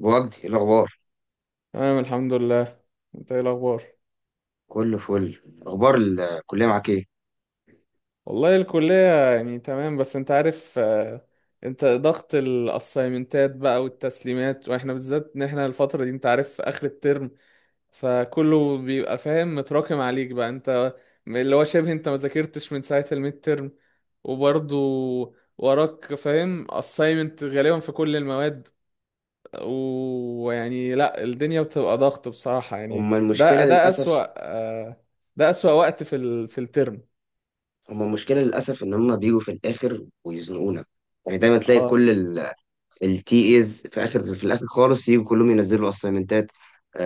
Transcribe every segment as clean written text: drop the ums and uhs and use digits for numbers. وجدي، إيه الاخبار؟ تمام، الحمد لله. انت ايه الاخبار؟ كله فل. اخبار الكليه معاك ايه؟ والله الكلية يعني تمام، بس انت عارف انت ضغط الاسايمنتات بقى والتسليمات، واحنا بالذات ان احنا الفترة دي انت عارف اخر الترم، فكله بيبقى فاهم متراكم عليك بقى انت، اللي هو شبه انت ما ذاكرتش من ساعة الميد ترم. وبرضه وراك فاهم اسايمنت غالبا في كل المواد، ويعني لا، الدنيا بتبقى ضغط بصراحة يعني. هما المشكله ده للاسف أسوأ. ده أسوأ وقت في الترم. هما المشكله للاسف ان هما بيجوا في الاخر ويزنقونا. يعني دايما تلاقي اه كل التي ايز في الاخر خالص، يجوا كلهم ينزلوا اسايمنتات.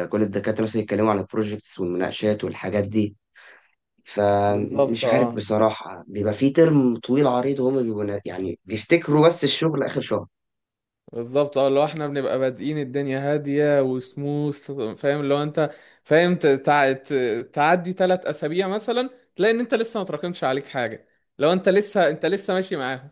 كل الدكاتره مثلا يتكلموا عن البروجكتس والمناقشات والحاجات دي. بالظبط، فمش عارف اه بصراحه، بيبقى في ترم طويل عريض وهما بيبقوا يعني بيفتكروا بس الشغل اخر شهر. بالظبط. اه لو احنا بنبقى بادئين الدنيا هادية وسموث، فاهم اللي هو انت فاهم تعدي ثلاث اسابيع مثلا، تلاقي ان انت لسه ما تراكمش عليك حاجة، لو انت لسه، انت لسه ماشي معاهم.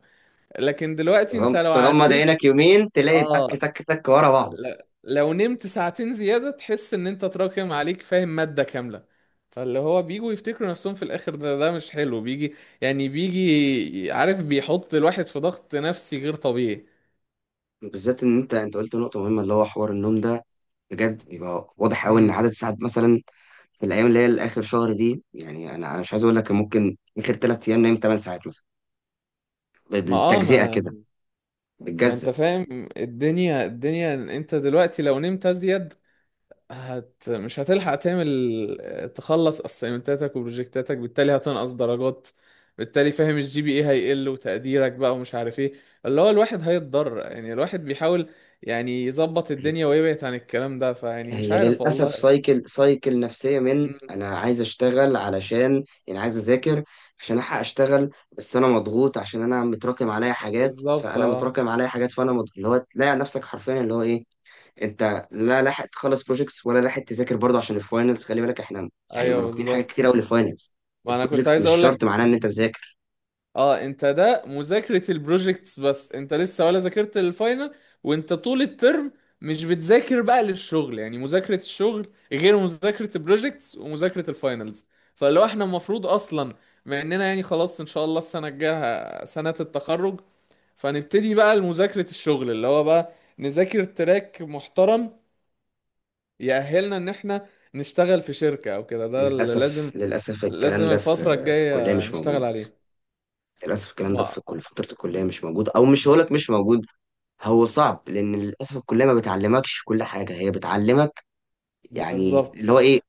لكن دلوقتي انت لو تغمض عديت، عينك يومين تلاقي تك اه، تك تك ورا بعض. ل- لو نمت ساعتين زيادة تحس ان انت تراكم عليك فاهم مادة كاملة. فاللي هو بيجوا يفتكروا نفسهم في الاخر، ده مش حلو، بيجي يعني بيجي عارف بيحط الواحد في ضغط نفسي غير طبيعي. بالذات ان انت قلت نقطه مهمه اللي هو حوار النوم ده. بجد يبقى واضح قوي ان امم عدد ساعات مثلا في الايام اللي هي الاخر شهر دي. يعني انا مش عايز اقول لك ممكن اخر 3 ايام نايم 8 ساعات مثلا، ما اه بالتجزئه ما كده، انت بتجزأ. فاهم، الدنيا انت دلوقتي لو نمت ازيد، مش هتلحق تعمل، تخلص اسايمنتاتك وبروجكتاتك، بالتالي هتنقص درجات، بالتالي فاهم الجي بي اي هيقل وتقديرك بقى ومش عارف ايه. اللي هو الواحد هيتضرر يعني، الواحد بيحاول يعني يظبط الدنيا ويبعد عن الكلام ده، فيعني مش هي عارف للاسف والله. سايكل سايكل نفسيه، من مم، انا عايز اشتغل علشان يعني عايز اذاكر عشان الحق اشتغل، بس انا مضغوط عشان انا متراكم عليا حاجات، بالظبط فانا اه. متراكم عليا حاجات فانا مضغوط، اللي هو تلاقي نفسك حرفيا اللي هو ايه؟ انت لا لاحق تخلص بروجكتس ولا لاحق تذاكر برضه عشان الفاينلز، خلي بالك احنا يعني ايوه مراكمين حاجات بالظبط، كتير قوي للفاينلز. ما انا كنت البروجكتس عايز مش اقول شرط لك، معناه ان انت مذاكر. اه انت ده مذاكرة البروجكتس، بس انت لسه ولا ذاكرت الفاينل، وانت طول الترم مش بتذاكر بقى للشغل، يعني مذاكرة الشغل غير مذاكرة البروجكتس ومذاكرة الفاينلز. فلو احنا المفروض اصلا، مع اننا يعني خلاص ان شاء الله السنة الجاية سنة التخرج، فنبتدي بقى لمذاكرة الشغل، اللي هو بقى نذاكر تراك محترم يأهلنا ان احنا نشتغل في شركة او كده، ده اللي للاسف لازم. للاسف لازم الكلام ده الفترة في الكليه الجاية مش نشتغل موجود. عليه. للاسف الكلام ده في ما كل فتره الكليه مش موجود، او مش هقولك مش موجود، هو صعب. لان للاسف الكليه ما بتعلمكش كل حاجه، هي بتعلمك يعني اللي بالظبط، هو ايه،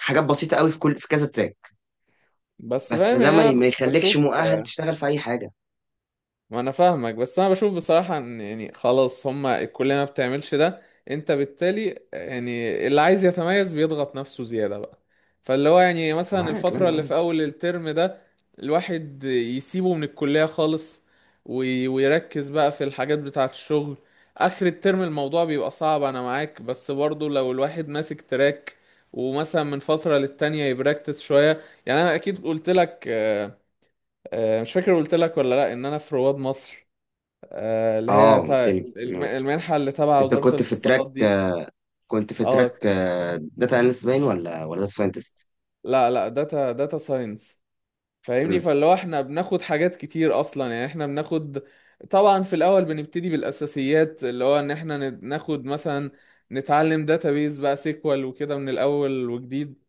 حاجات بسيطه قوي في كل في كذا تراك، بس بس فاهم ده يعني ما ما انا يخليكش بشوف، مؤهل تشتغل في اي حاجه. ما انا فاهمك، بس انا بشوف بصراحة ان يعني خلاص هما الكلية ما بتعملش ده، انت بالتالي يعني اللي عايز يتميز بيضغط نفسه زيادة بقى. فاللي هو يعني أنا مثلا معاك، لا انا الفترة اللي معاك. في اول الترم ده الواحد يسيبه من الكلية خالص، ويركز بقى في الحاجات بتاعة الشغل. اخر الترم الموضوع بيبقى صعب، انا معاك، بس برضه لو الواحد ماسك تراك ومثلا من فترة للتانية يبراكتس شوية، يعني انا اكيد قلت لك مش فاكر قلت لك ولا لا، ان انا في رواد مصر، اللي اه، هي قلت لي. المنحه اللي تبع انت وزاره كنت في تراك الاتصالات دي. كنت في اه تراك داتا اناليست باين ولا داتا ساينتست؟ لا لا، داتا، داتا ساينس فاهمني. فاللي هو احنا بناخد حاجات كتير اصلا، يعني احنا بناخد طبعا في الاول بنبتدي بالاساسيات، اللي هو ان احنا ناخد مثلا نتعلم داتابيز بقى، سيكوال وكده من الاول وجديد،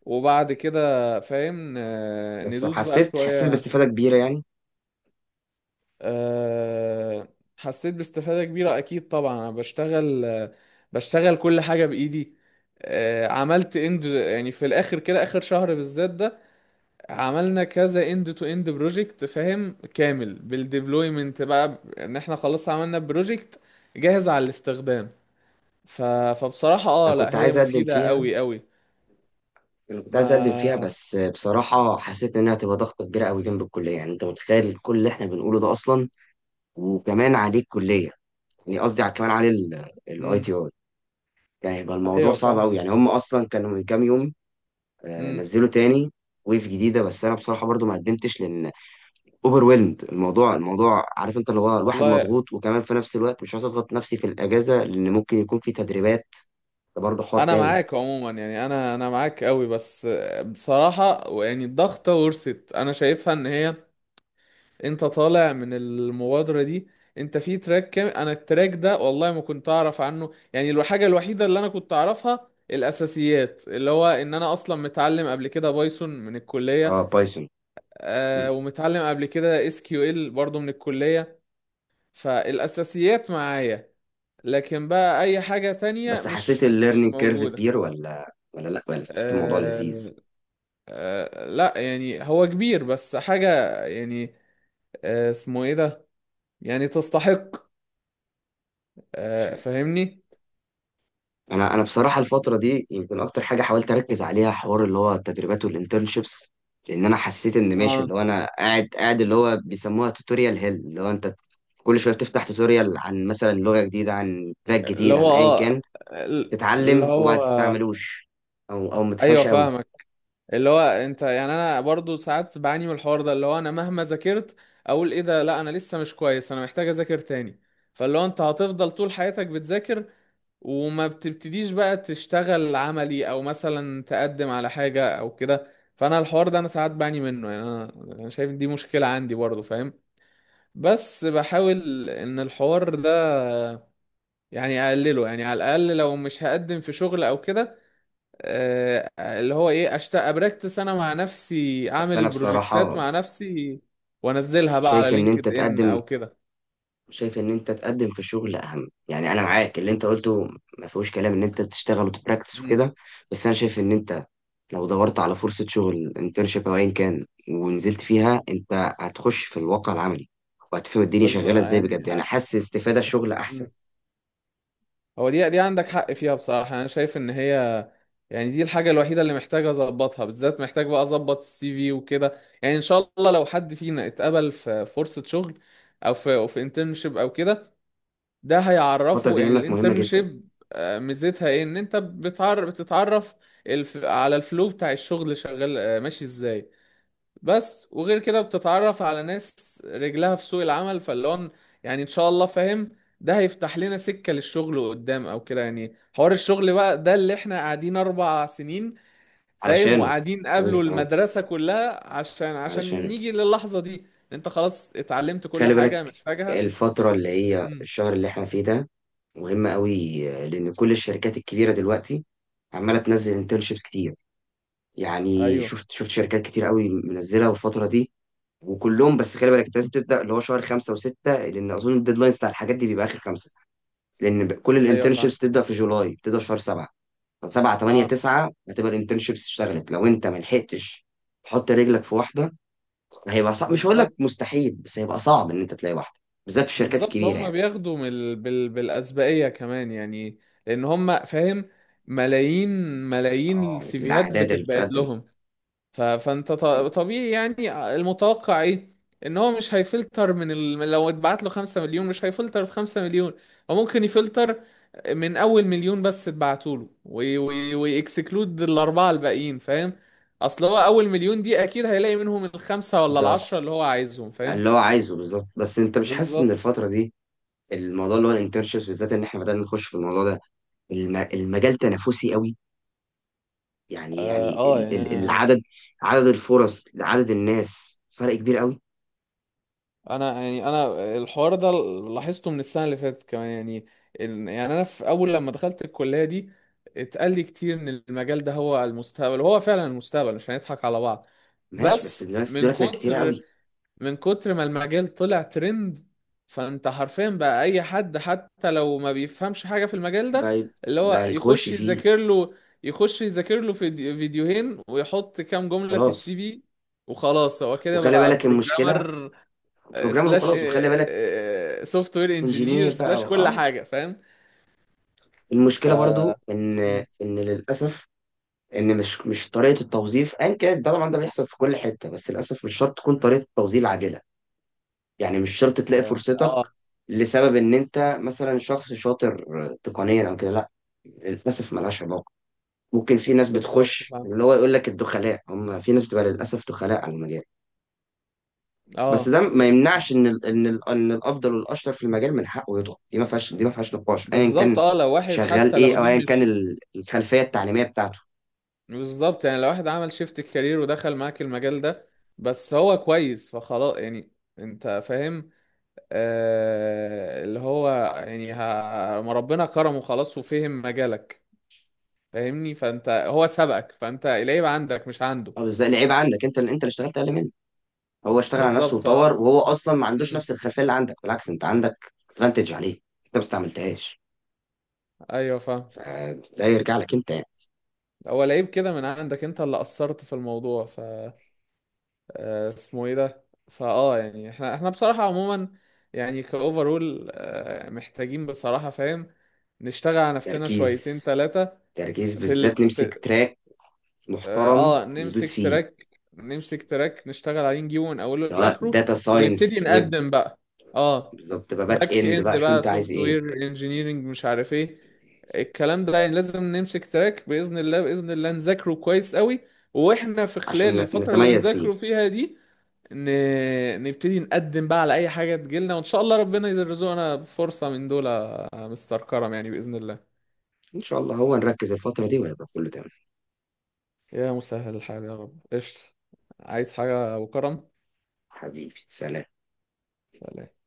وبعد كده فاهم بس ندوس بقى حسيت شويه. باستفاده كبيره يعني. أه حسيت باستفادة كبيرة أكيد، طبعا أنا بشتغل، بشتغل كل حاجة بإيدي. أه عملت اند، يعني في الآخر كده، آخر شهر بالذات ده عملنا كذا اند تو اند بروجكت، فاهم كامل بالديبلويمنت بقى، إن إحنا خلاص عملنا بروجكت جاهز على الاستخدام. ف... فبصراحة انا اه لا، كنت هي عايز اقدم مفيدة فيها. أوي أوي. ما بس بصراحه حسيت انها هتبقى ضغطه كبيره قوي جنب الكليه. يعني انت متخيل كل اللي احنا بنقوله ده اصلا، وكمان عليه الكليه، يعني قصدي كمان عليه الاي مم. تي اي. يعني هيبقى الموضوع أيوه صعب قوي. فاهمك. يعني هم اصلا كانوا من كام يوم مم. نزلوا تاني ويف جديده. بس انا بصراحه برضو ما قدمتش لان اوفرويلمد الموضوع. الموضوع عارف انت، اللي هو الواحد والله مضغوط، وكمان في نفس الوقت مش عايز اضغط نفسي في الاجازه لان ممكن يكون في تدريبات. ده برضه حوار انا تاني. معاك عموما، يعني انا معاك قوي، بس بصراحة يعني الضغطة ورثت، انا شايفها ان هي، انت طالع من المبادرة دي، انت في تراك كام؟ انا التراك ده والله ما كنت اعرف عنه، يعني الحاجة الوحيدة اللي انا كنت اعرفها الاساسيات، اللي هو ان انا اصلا متعلم قبل كده بايثون من اه، الكلية، بايثون. مم. آه، ومتعلم قبل كده اس كيو ال برضه من الكلية. فالاساسيات معايا، لكن بقى اي حاجة تانية بس حسيت مش، مش الليرنينج كيرف موجودة. كبير ولا حسيت الموضوع لذيذ؟ آه، لا يعني هو كبير، بس حاجة يعني، اسمه ايه ده، يعني تستحق، مش عارف. فاهمني. انا بصراحه الفتره دي يمكن اكتر حاجه حاولت اركز عليها حوار اللي هو التدريبات والانترنشيبس. لان انا حسيت ان ماشي، اه اللي هو انا قاعد اللي هو بيسموها توتوريال هيل، اللي هو انت كل شويه بتفتح توتوريال عن مثلا لغه جديده عن تراك اللي جديد هو، عن ايا كان، اه اللي تتعلم وبعد هو، تستعملوش او ما ايوه تفهمش قوي. فاهمك. اللي هو انت يعني انا برضو ساعات بعاني من الحوار ده، اللي هو انا مهما ذاكرت اقول ايه ده، لا انا لسه مش كويس، انا محتاج اذاكر تاني. فاللي هو انت هتفضل طول حياتك بتذاكر، وما بتبتديش بقى تشتغل عملي او مثلا تقدم على حاجة او كده. فانا الحوار ده انا ساعات بعاني منه يعني، انا شايف إن دي مشكلة عندي برضو فاهم. بس بحاول ان الحوار ده يعني اقلله، يعني على الاقل لو مش هقدم في شغل او كده، اللي هو ايه، اشتاق ابراكتس انا مع نفسي، بس اعمل انا بروجكتات بصراحه مع نفسي وانزلها بقى على شايف ان انت لينكد ان تقدم. او كده. في الشغل اهم. يعني انا معاك اللي انت قلته، ما فيهوش كلام ان انت تشتغل وتبراكتس مم. وكده. بس انا شايف ان انت لو دورت على فرصه شغل انترنشيب او ايا كان ونزلت فيها، انت هتخش في الواقع العملي وهتفهم الدنيا بس شغاله ازاي بجد. يعني يعني حاسس استفاده الشغل احسن. مم. هو دي عندك حق فيها بصراحة، انا شايف ان هي يعني دي الحاجة الوحيدة اللي محتاج اظبطها، بالذات محتاج بقى اظبط السي في وكده. يعني ان شاء الله لو حد فينا اتقبل في فرصة شغل او في، او في انترنشيب او كده، ده الفتره هيعرفه. دي يعني لعلمك مهمه جدا. الانترنشيب ميزتها ايه ان انت بتعرف، بتتعرف على الفلو بتاع الشغل شغال ماشي ازاي، بس وغير كده بتتعرف على ناس رجلها في سوق العمل. فاللي هو يعني ان شاء الله فاهم، ده هيفتح لنا سكة للشغل قدام او كده، يعني حوار الشغل بقى ده اللي احنا قاعدين اربع سنين فاهم علشانه. وقاعدين فعلا، قابلوا اه. المدرسة كلها عشان علشانه. نيجي للحظة دي. انت خلاص اتعلمت كل خلي حاجة بالك محتاجها. الفترة اللي هي امم الشهر اللي احنا فيه ده مهمة قوي، لأن كل الشركات الكبيرة دلوقتي عمالة تنزل انترنشيبس كتير. يعني ايوه، شفت شركات كتير قوي منزلة الفترة دي. وكلهم، بس خلي بالك انت لازم تبدأ اللي هو شهر 5 و6، لأن أظن الديدلاينز بتاع الحاجات دي بيبقى آخر 5. لأن كل ايوه فاهم. الانترنشيبس بتبدأ في جولاي، بتبدأ شهر 7. فسبعة تمانية اه تسعة هتبقى الانترنشيبس اشتغلت. لو انت ملحقتش تحط رجلك في واحدة، هيبقى صعب، مش هقول لك بالظبط. مستحيل، بس هيبقى صعب ان انت تلاقي واحده، بالذات في الشركات بالظبط، الكبيره هم يعني. بياخدوا بالأسبقية كمان يعني، لأن هم فاهم، ملايين، ملايين اه، السيفيهات الاعداد اللي بتتبعت بتقدم لهم. فانت طبيعي يعني، المتوقع ايه، ان هو مش هيفلتر لو اتبعت له 5 مليون مش هيفلتر في 5 مليون، هو ممكن يفلتر من اول مليون بس، اتبعتوا له ويكسكلود الاربعه الباقيين فاهم، اصل هو اول مليون دي اكيد هيلاقي منهم الخمسه ولا كده العشره اللي هو عايزهم فاهم. اللي هو عايزه بالظبط. بس انت مش حاسس ان بالظبط الفتره دي الموضوع اللي هو الانترنشيبس، بالذات ان احنا بدأنا نخش في الموضوع ده، المجال تنافسي قوي؟ يعني اه، يعني ال- ال- يعني العدد عدد الفرص، عدد الناس، فرق كبير قوي. انا، يعني انا الحوار ده لاحظته من السنه اللي فاتت كمان يعني، ال- يعني انا في اول لما دخلت الكليه دي اتقال لي كتير ان المجال ده هو المستقبل، وهو فعلا المستقبل مش هنضحك على بعض. ماشي. بس بس الناس من دلوقتي بقت كتيره كتر، قوي من كتر ما المجال طلع ترند، فانت حرفيا بقى اي حد حتى لو ما بيفهمش حاجه في المجال ده بقى. اللي هو يخش يخش فيه. يذاكر له، يخش يذاكر له فيديوهين ويحط كام جمله في السي خلاص، في، وخلاص هو كده وخلي بقى بالك المشكله، بروجرامر، بروجرامر، سلاش، وخلاص وخلي بالك، سوفت وير انجينير، انجينير بقى. سلاش كل اه، حاجه فاهم. ف المشكله برضو ان، مم. ان للاسف، ان مش طريقه التوظيف، ان كانت ده طبعا ده بيحصل في كل حته، بس للاسف مش شرط تكون طريقه التوظيف عادله. يعني مش شرط تلاقي اه فرصتك لسبب ان انت مثلا شخص شاطر تقنيا او كده، لا، للاسف ملهاش علاقه. ممكن في ناس بالظبط بتخش، فاهم. اللي هو يقول لك الدخلاء، هم في ناس بتبقى للاسف دخلاء على المجال. بس اه ده ما يمنعش ان الافضل والاشطر في المجال من حقه يطلع. دي ما فيهاش نقاش، ايا بالظبط. كان اه لو واحد شغال حتى ايه لو او دي ايا كان مش، الخلفيه التعليميه بتاعته. بالظبط يعني لو واحد عمل شيفت كارير ودخل معاك المجال ده، بس هو كويس فخلاص يعني، انت فاهم، آه اللي هو يعني، ما ربنا كرمه خلاص وفهم مجالك فاهمني، فانت هو سبقك، فانت العيب عندك مش عنده. اه، بس ده العيب عندك، انت اللي اشتغلت اقل منه. هو اشتغل على نفسه بالظبط اه. وطور، وهو اصلا ما عندوش مم. نفس الخلفيه اللي عندك، بالعكس انت عندك ادفانتج عليه، انت ما استعملتهاش. ايوه فاهم. فده يرجع لك انت يعني. هو العيب كده من عندك، انت اللي قصرت في الموضوع. اسمه ايه ده، فاه يعني احنا، احنا بصراحة عموما يعني كاوفرول، محتاجين بصراحة فاهم نشتغل على نفسنا تركيز، شويتين ثلاثة تركيز، في بالذات ال... نمسك في تراك اه، محترم ندوس نمسك فيه، تراك، نمسك تراك، نشتغل عليه نجيبه من اوله سواء لاخره داتا ونبتدي ساينس، ويب، نقدم بقى. اه بالظبط، تبقى باك باك اند اند بقى، شوف بقى، انت عايز سوفت ايه وير انجينيرنج، مش عارف ايه الكلام ده، يعني لازم نمسك تراك باذن الله، باذن الله نذاكره كويس قوي. واحنا في خلال عشان الفتره اللي نتميز فيه. بنذاكره فيها دي ن... نبتدي نقدم بقى على اي حاجه تجيلنا، وان شاء الله ربنا يرزقنا بفرصه من دول يا مستر كرم، يعني باذن الله. ان شاء الله هو نركز الفتره دي وهيبقى كله تمام. يا مسهل الحال يا رب، قشطة، عايز حاجه ابو كرم؟ حبيبي، سلام. سلام.